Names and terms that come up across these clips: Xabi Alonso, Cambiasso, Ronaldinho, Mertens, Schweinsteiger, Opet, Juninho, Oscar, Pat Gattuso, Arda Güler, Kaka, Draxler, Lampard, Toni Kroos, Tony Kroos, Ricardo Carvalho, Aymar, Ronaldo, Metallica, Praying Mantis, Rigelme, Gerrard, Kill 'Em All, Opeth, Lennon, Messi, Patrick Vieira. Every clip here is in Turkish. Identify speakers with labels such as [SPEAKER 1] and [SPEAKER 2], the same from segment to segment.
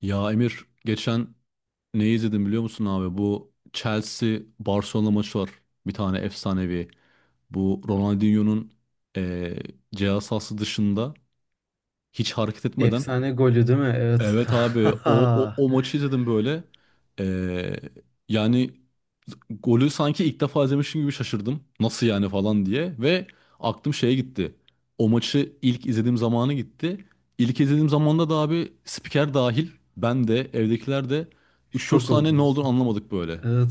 [SPEAKER 1] Ya Emir geçen ne izledim biliyor musun abi? Bu Chelsea Barcelona maçı var. Bir tane efsanevi. Bu Ronaldinho'nun eee ceza sahası dışında hiç hareket etmeden.
[SPEAKER 2] Efsane golü değil mi? Evet.
[SPEAKER 1] Evet abi o maçı izledim böyle. Ee, yani golü sanki ilk defa izlemişim gibi şaşırdım. Nasıl yani falan diye. Ve aklım şeye gitti. O maçı ilk izlediğim zamanı gitti. İlk izlediğim zamanda da abi spiker dahil ben de evdekiler de üç dört
[SPEAKER 2] Şok
[SPEAKER 1] saniye ne
[SPEAKER 2] oldunuz.
[SPEAKER 1] olduğunu anlamadık böyle.
[SPEAKER 2] Evet.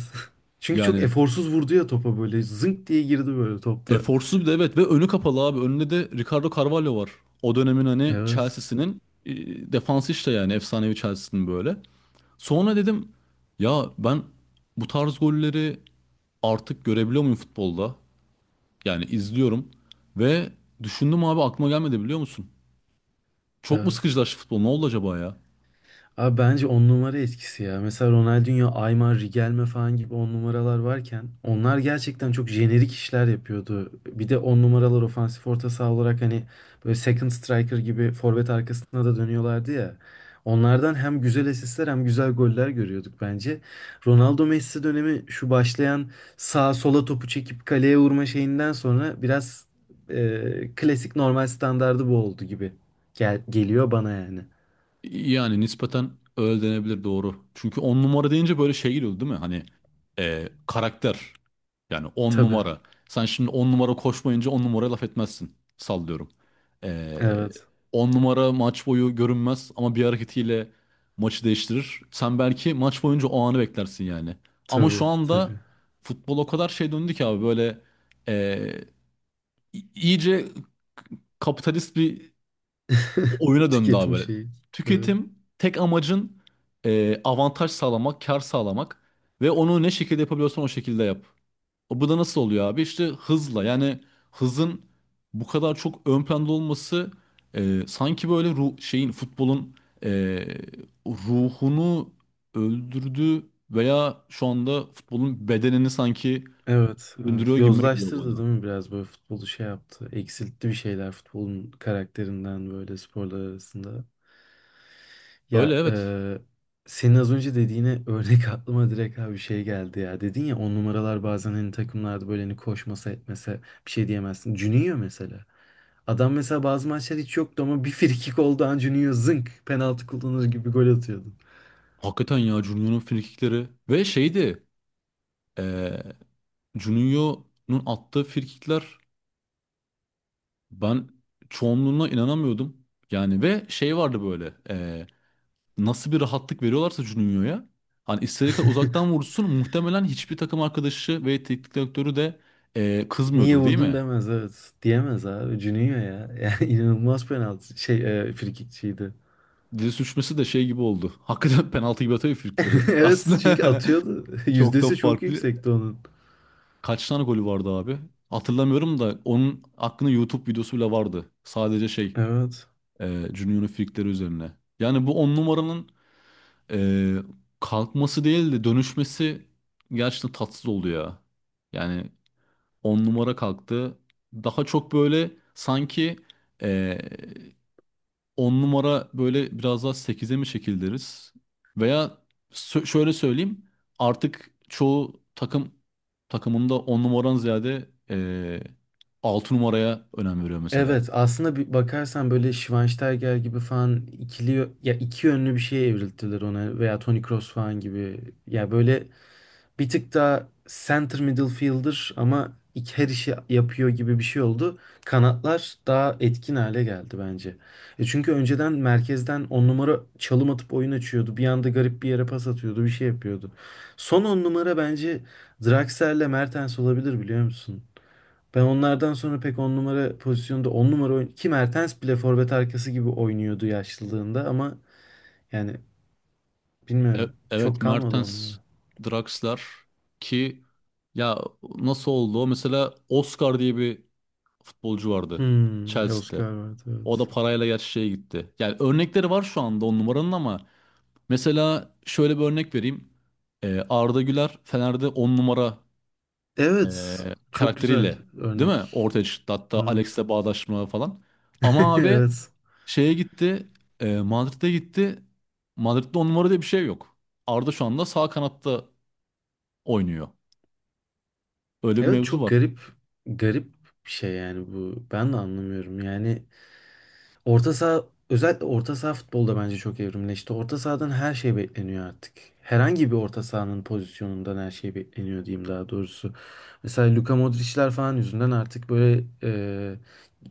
[SPEAKER 2] Çünkü çok
[SPEAKER 1] Yani
[SPEAKER 2] eforsuz vurdu ya topa böyle. Zınk diye girdi böyle topta.
[SPEAKER 1] eforsuz bir de evet ve önü kapalı abi. Önünde de Ricardo Carvalho var. O dönemin hani
[SPEAKER 2] Evet.
[SPEAKER 1] Chelsea'sinin defansı işte yani efsanevi Chelsea'sinin böyle. Sonra dedim ya ben bu tarz golleri artık görebiliyor muyum futbolda? Yani izliyorum ve düşündüm abi aklıma gelmedi biliyor musun? Çok mu
[SPEAKER 2] Evet.
[SPEAKER 1] sıkıcılaştı futbol? Ne oldu acaba ya?
[SPEAKER 2] Abi bence on numara etkisi ya. Mesela Ronaldinho, Aymar, Rigelme falan gibi on numaralar varken onlar gerçekten çok jenerik işler yapıyordu. Bir de on numaralar ofansif orta saha olarak hani böyle second striker gibi forvet arkasına da dönüyorlardı ya. Onlardan hem güzel asistler hem güzel goller görüyorduk bence. Ronaldo Messi dönemi şu başlayan sağa sola topu çekip kaleye vurma şeyinden sonra biraz klasik normal standardı bu oldu gibi gel geliyor bana yani.
[SPEAKER 1] Yani nispeten öyle denebilir doğru. Çünkü on numara deyince böyle şey geliyordu değil mi? Hani karakter. Yani on
[SPEAKER 2] Tabii.
[SPEAKER 1] numara. Sen şimdi on numara koşmayınca on numaraya laf etmezsin. Sallıyorum. E,
[SPEAKER 2] Evet.
[SPEAKER 1] on numara maç boyu görünmez ama bir hareketiyle maçı değiştirir. Sen belki maç boyunca o anı beklersin yani. Ama şu
[SPEAKER 2] Tabii,
[SPEAKER 1] anda
[SPEAKER 2] tabii.
[SPEAKER 1] futbol o kadar şey döndü ki abi böyle e, iyice kapitalist bir oyuna döndü abi
[SPEAKER 2] Tüketim
[SPEAKER 1] böyle.
[SPEAKER 2] şeyi. Evet,
[SPEAKER 1] Tüketim tek amacın avantaj sağlamak, kar sağlamak ve onu ne şekilde yapabiliyorsan o şekilde yap. O bu da nasıl oluyor abi? İşte hızla yani hızın bu kadar çok ön planda olması sanki böyle şeyin futbolun e, ruhunu öldürdü veya şu anda futbolun bedenini sanki
[SPEAKER 2] evet,
[SPEAKER 1] öldürüyor
[SPEAKER 2] evet.
[SPEAKER 1] gibi geliyor
[SPEAKER 2] Yozlaştırdı
[SPEAKER 1] bana.
[SPEAKER 2] değil mi biraz böyle futbolu şey yaptı. Eksiltti bir şeyler futbolun karakterinden böyle sporlar arasında.
[SPEAKER 1] Öyle
[SPEAKER 2] Ya
[SPEAKER 1] evet.
[SPEAKER 2] senin az önce dediğine örnek aklıma direkt abi bir şey geldi ya. Dedin ya on numaralar bazen hani takımlarda böyle hani koşmasa etmese bir şey diyemezsin. Juninho mesela. Adam mesela bazı maçlar hiç yoktu ama bir frikik olduğu an Juninho zınk penaltı kullanır gibi gol atıyordu.
[SPEAKER 1] Hakikaten ya Junior'un frikikleri ve şeydi e, Juninho'nun attığı frikikler ben çoğunluğuna inanamıyordum. Yani ve şey vardı böyle nasıl bir rahatlık veriyorlarsa Juninho'ya hani istediği kadar uzaktan vursun muhtemelen hiçbir takım arkadaşı ve teknik direktörü de
[SPEAKER 2] Niye
[SPEAKER 1] kızmıyordur değil
[SPEAKER 2] vurdun
[SPEAKER 1] mi?
[SPEAKER 2] demez, evet. Diyemez abi. Cüneyt ya. Yani inanılmaz penaltı. Şey frikikçiydi.
[SPEAKER 1] Dili sürçmesi de şey gibi oldu. Hakikaten penaltı gibi atıyor frikikleri.
[SPEAKER 2] Evet çünkü
[SPEAKER 1] Aslında
[SPEAKER 2] atıyordu.
[SPEAKER 1] çok da
[SPEAKER 2] Yüzdesi çok
[SPEAKER 1] farklı.
[SPEAKER 2] yüksekti onun.
[SPEAKER 1] Kaç tane golü vardı abi? Hatırlamıyorum da onun hakkında YouTube videosu bile vardı. Sadece şey
[SPEAKER 2] Evet.
[SPEAKER 1] Juninho'nun frikikleri üzerine. Yani bu on numaranın Ee, kalkması değil de dönüşmesi gerçekten tatsız oldu ya. Yani 10 numara kalktı. Daha çok böyle sanki ee, 10 numara böyle biraz daha sekize mi çekildiriz? Veya şöyle söyleyeyim artık çoğu takım takımında 10 numaran ziyade 6 numaraya önem veriyor mesela.
[SPEAKER 2] Evet aslında bir bakarsan böyle Schweinsteiger gibi falan ikili ya iki yönlü bir şeye evrildiler ona veya Toni Kroos falan gibi. Ya böyle bir tık daha center middle fielder ama her işi yapıyor gibi bir şey oldu. Kanatlar daha etkin hale geldi bence. E çünkü önceden merkezden on numara çalım atıp oyun açıyordu. Bir anda garip bir yere pas atıyordu, bir şey yapıyordu. Son on numara bence Draxler'le Mertens olabilir biliyor musun? Ben onlardan sonra pek on numara pozisyonda on numara oyn ki Mertens bile forvet arkası gibi oynuyordu yaşlılığında ama yani bilmiyorum
[SPEAKER 1] Evet
[SPEAKER 2] çok kalmadı on
[SPEAKER 1] Mertens,
[SPEAKER 2] numara.
[SPEAKER 1] Draxler ki ya nasıl oldu? O? Mesela Oscar diye bir futbolcu vardı
[SPEAKER 2] Hmm,
[SPEAKER 1] Chelsea'de.
[SPEAKER 2] Oscar vardı
[SPEAKER 1] O da
[SPEAKER 2] evet.
[SPEAKER 1] parayla gerçi şeye gitti. Yani örnekleri var şu anda on numaranın ama mesela şöyle bir örnek vereyim. Arda Güler Fener'de on numara
[SPEAKER 2] Evet. Çok güzel
[SPEAKER 1] karakteriyle değil mi?
[SPEAKER 2] örnek.
[SPEAKER 1] Ortaya çıktı. Hatta Alex'le
[SPEAKER 2] Evet.
[SPEAKER 1] bağdaşma falan. Ama abi
[SPEAKER 2] Evet.
[SPEAKER 1] şeye gitti. Madrid'e gitti. Madrid'de on numara diye bir şey yok. Arda şu anda sağ kanatta oynuyor. Öyle bir
[SPEAKER 2] Evet
[SPEAKER 1] mevzu
[SPEAKER 2] çok
[SPEAKER 1] var.
[SPEAKER 2] garip, garip bir şey yani bu. Ben de anlamıyorum. Yani orta saha, özellikle orta saha futbolda bence çok evrimleşti. Orta sahadan her şey bekleniyor artık. Herhangi bir orta sahanın pozisyonundan her şey bekleniyor diyeyim daha doğrusu. Mesela Luka Modric'ler falan yüzünden artık böyle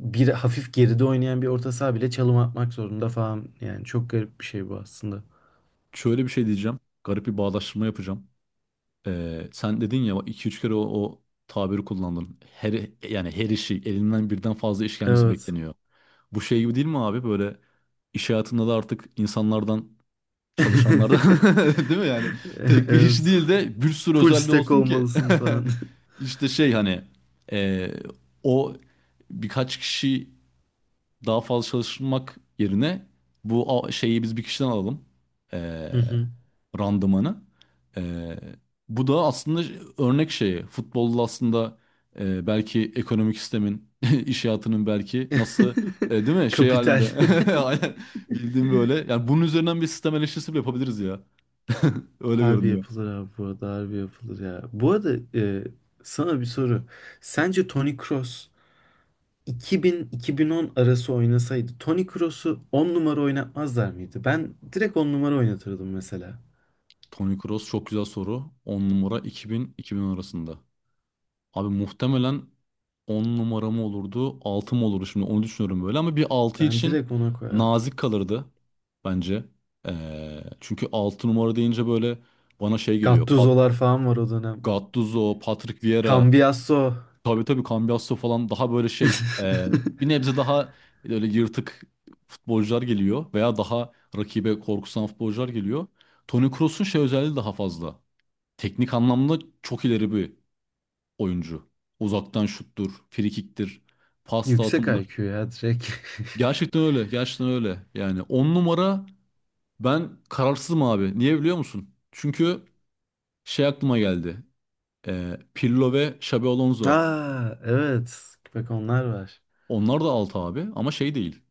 [SPEAKER 2] bir hafif geride oynayan bir orta saha bile çalım atmak zorunda falan. Yani çok garip bir şey bu aslında.
[SPEAKER 1] Şöyle bir şey diyeceğim. Garip bir bağdaştırma yapacağım. Sen dedin ya iki üç kere o tabiri kullandın. Yani her işi elinden birden fazla iş gelmesi
[SPEAKER 2] Evet.
[SPEAKER 1] bekleniyor. Bu şey gibi değil mi abi? Böyle iş hayatında da artık insanlardan. Çalışanlardan. Değil mi yani? Tek bir
[SPEAKER 2] Evet.
[SPEAKER 1] iş değil de bir sürü
[SPEAKER 2] Full
[SPEAKER 1] özelliği
[SPEAKER 2] stack
[SPEAKER 1] olsun ki.
[SPEAKER 2] olmalısın falan.
[SPEAKER 1] İşte şey hani e, o birkaç kişi daha fazla çalışmak yerine bu şeyi biz bir kişiden alalım. Ee,
[SPEAKER 2] Hı hı.
[SPEAKER 1] randımanı. Ee, bu da aslında örnek şeyi. Futbolda aslında belki ekonomik sistemin, iş hayatının belki nasıl değil mi? Şey
[SPEAKER 2] Kapital.
[SPEAKER 1] halinde. Aynen. Bildiğim böyle. Yani bunun üzerinden bir sistem eleştirisi bile yapabiliriz ya. Öyle
[SPEAKER 2] Harbi
[SPEAKER 1] görünüyor.
[SPEAKER 2] yapılır abi, bu arada harbi yapılır ya. Bu arada sana bir soru. Sence Toni Kroos 2000-2010 arası oynasaydı Toni Kroos'u 10 numara oynatmazlar mıydı? Ben direkt 10 numara oynatırdım mesela.
[SPEAKER 1] Tony Kroos çok güzel soru. 10 numara 2000-2010 arasında. Abi muhtemelen 10 numaramı olurdu, 6 mı olurdu şimdi onu düşünüyorum böyle ama bir 6
[SPEAKER 2] Ben
[SPEAKER 1] için
[SPEAKER 2] direkt ona koyardım.
[SPEAKER 1] nazik kalırdı bence. Çünkü 6 numara deyince böyle bana şey geliyor.
[SPEAKER 2] Gattuso'lar falan var o dönem.
[SPEAKER 1] Gattuso, Patrick Vieira,
[SPEAKER 2] Cambiasso.
[SPEAKER 1] tabii tabii Cambiasso falan daha böyle şey bir nebze daha böyle yırtık futbolcular geliyor veya daha rakibe korkusan futbolcular geliyor. Toni Kroos'un şey özelliği daha fazla. Teknik anlamda çok ileri bir oyuncu. Uzaktan şuttur, frikiktir, pas
[SPEAKER 2] Yüksek
[SPEAKER 1] dağıtımıdır.
[SPEAKER 2] IQ ya direkt.
[SPEAKER 1] Gerçekten öyle, gerçekten öyle. Yani 10 numara ben kararsızım abi. Niye biliyor musun? Çünkü şey aklıma geldi. Pirlo ve Xabi Alonso.
[SPEAKER 2] Aa evet. Bak onlar var.
[SPEAKER 1] Onlar da 6 abi ama şey değil.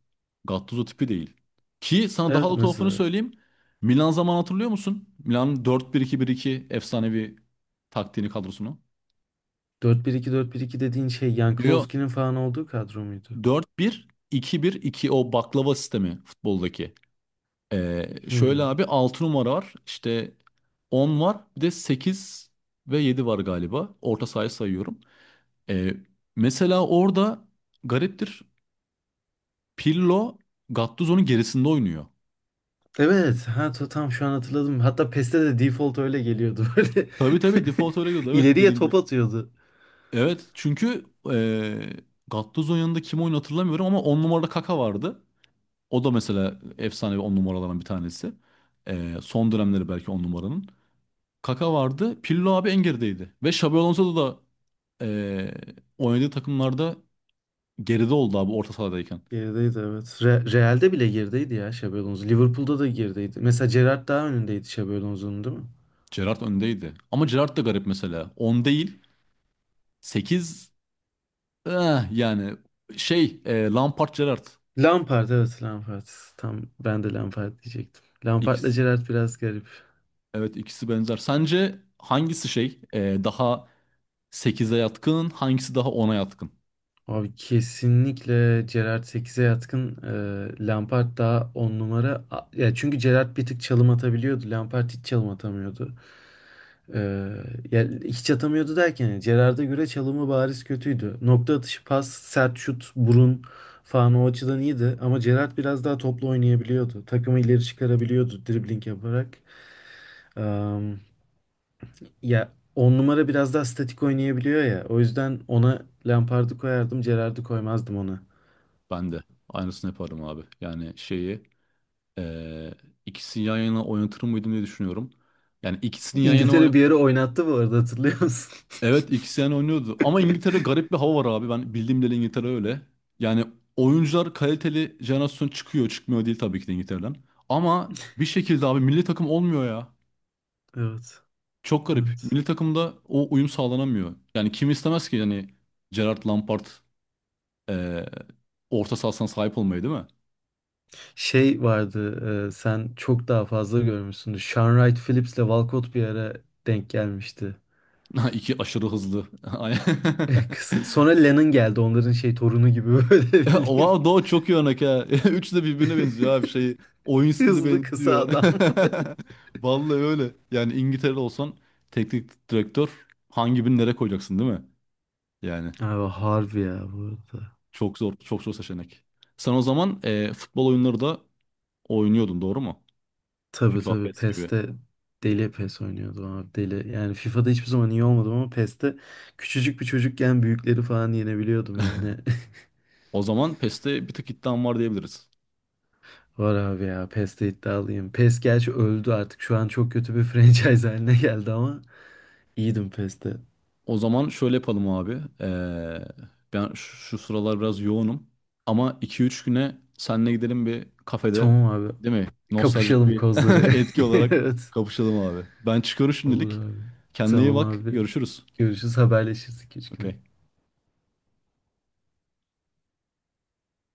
[SPEAKER 1] Gattuso tipi değil. Ki sana
[SPEAKER 2] Evet
[SPEAKER 1] daha da tuhafını
[SPEAKER 2] mesela
[SPEAKER 1] söyleyeyim. Milan zaman hatırlıyor musun? Milan dört bir iki bir iki efsanevi taktiğini kadrosunu.
[SPEAKER 2] dört bir iki dört bir iki dediğin şey
[SPEAKER 1] Yo yo
[SPEAKER 2] Yanklowski'nin falan olduğu kadro muydu?
[SPEAKER 1] 4-1-2-1-2 o baklava sistemi futboldaki. Şöyle
[SPEAKER 2] Hmm.
[SPEAKER 1] abi 6 numara var. İşte 10 var. Bir de 8 ve 7 var galiba. Orta sahayı sayıyorum. Ee, mesela orada gariptir. Pirlo Gattuso'nun gerisinde oynuyor.
[SPEAKER 2] Evet. Ha tam şu an hatırladım. Hatta PES'te de default öyle geliyordu. Böyle
[SPEAKER 1] Tabii tabii default öyle gidiyordu. Evet
[SPEAKER 2] İleriye
[SPEAKER 1] dediğin gibi.
[SPEAKER 2] top atıyordu.
[SPEAKER 1] Evet çünkü ee, Gattuso'nun yanında kim oyunu hatırlamıyorum ama 10 numarada Kaka vardı. O da mesela efsane 10 numaralardan bir tanesi. Son dönemleri belki 10 numaranın. Kaka vardı. Pirlo abi en gerideydi. Ve Xabi Alonso da e, oynadığı takımlarda geride oldu abi orta sahadayken.
[SPEAKER 2] Gerideydi, evet. Real'de bile gerideydi ya Xabi Alonso. Liverpool'da da gerideydi. Mesela Gerrard daha önündeydi Xabi Alonso'nun değil mi?
[SPEAKER 1] Gerrard öndeydi. Ama Gerrard da garip mesela. 10 değil 8 yani şey Lampard Gerrard.
[SPEAKER 2] Lampard, evet, Lampard. Tam ben de Lampard diyecektim. Lampard'la
[SPEAKER 1] İkisi,
[SPEAKER 2] Gerrard biraz garip.
[SPEAKER 1] evet ikisi benzer. Sence hangisi şey daha 8'e yatkın hangisi daha 10'a yatkın?
[SPEAKER 2] Abi kesinlikle Gerrard 8'e yatkın. Lampard daha 10 numara. Ya çünkü Gerrard bir tık çalım atabiliyordu. Lampard hiç çalım atamıyordu. Ee, ya hiç atamıyordu derken yani Gerrard'a göre çalımı bariz kötüydü. Nokta atışı, pas, sert şut, burun falan, o açıdan iyiydi. Ama Gerrard biraz daha toplu oynayabiliyordu. Takımı ileri çıkarabiliyordu dribbling yaparak. Am, ya 10 numara biraz daha statik oynayabiliyor ya. O yüzden ona Lampard'ı koyardım, Gerrard'ı koymazdım.
[SPEAKER 1] Ben de aynısını yaparım abi. Yani şeyi e, ikisini yan yana oynatır mıydım diye düşünüyorum. Yani ikisini yan yana.
[SPEAKER 2] İngiltere bir yere oynattı bu arada, hatırlıyor musun?
[SPEAKER 1] Evet ikisini oynuyordu. Ama İngiltere'de garip bir hava var abi. Ben bildiğim dili İngiltere öyle. Yani oyuncular kaliteli jenerasyon çıkıyor. Çıkmıyor değil tabii ki de İngiltere'den. Ama bir şekilde abi milli takım olmuyor ya.
[SPEAKER 2] Evet.
[SPEAKER 1] Çok garip.
[SPEAKER 2] Evet.
[SPEAKER 1] Milli takımda o uyum sağlanamıyor. Yani kim istemez ki yani Gerard Lampard eee, orta sahasına sahip olmayı değil mi?
[SPEAKER 2] Şey vardı, sen çok daha fazla görmüşsündür. Sean Wright Phillips'le Walcott bir ara denk gelmişti.
[SPEAKER 1] İki aşırı hızlı. Aynen.
[SPEAKER 2] Kısa. Sonra Lennon geldi onların şey torunu gibi böyle bildiğin.
[SPEAKER 1] Wow Doğu çok iyi örnek ha. Üçü de birbirine benziyor abi şey. Oyun stili
[SPEAKER 2] Hızlı kısa
[SPEAKER 1] benziyor.
[SPEAKER 2] adam.
[SPEAKER 1] Vallahi öyle. Yani İngiltere'de olsan teknik direktör hangi birini nereye koyacaksın değil mi? Yani
[SPEAKER 2] Abi harbi ya bu arada.
[SPEAKER 1] çok zor, çok zor seçenek. Sen o zaman futbol oyunları da oynuyordun doğru mu?
[SPEAKER 2] Tabii
[SPEAKER 1] FIFA,
[SPEAKER 2] tabii
[SPEAKER 1] PES gibi.
[SPEAKER 2] PES'te, deli PES oynuyordum abi, deli. Yani FIFA'da hiçbir zaman iyi olmadım ama PES'te küçücük bir çocukken büyükleri falan yenebiliyordum yani.
[SPEAKER 1] O zaman PES'te bir tık iddian var diyebiliriz.
[SPEAKER 2] Var abi ya, PES'te iddialıyım. PES gerçi öldü artık. Şu an çok kötü bir franchise haline geldi ama iyiydim PES'te.
[SPEAKER 1] O zaman şöyle yapalım abi. Ben şu sıralar biraz yoğunum. Ama iki üç güne seninle gidelim bir kafede.
[SPEAKER 2] Tamam abi.
[SPEAKER 1] Değil mi? Nostaljik
[SPEAKER 2] Kapışalım
[SPEAKER 1] bir
[SPEAKER 2] kozları.
[SPEAKER 1] etki olarak
[SPEAKER 2] Evet.
[SPEAKER 1] kapışalım abi. Ben çıkıyorum
[SPEAKER 2] Olur
[SPEAKER 1] şimdilik.
[SPEAKER 2] abi.
[SPEAKER 1] Kendine iyi
[SPEAKER 2] Tamam
[SPEAKER 1] bak.
[SPEAKER 2] abi.
[SPEAKER 1] Görüşürüz.
[SPEAKER 2] Görüşürüz. Haberleşiriz iki üç güne.
[SPEAKER 1] Okey.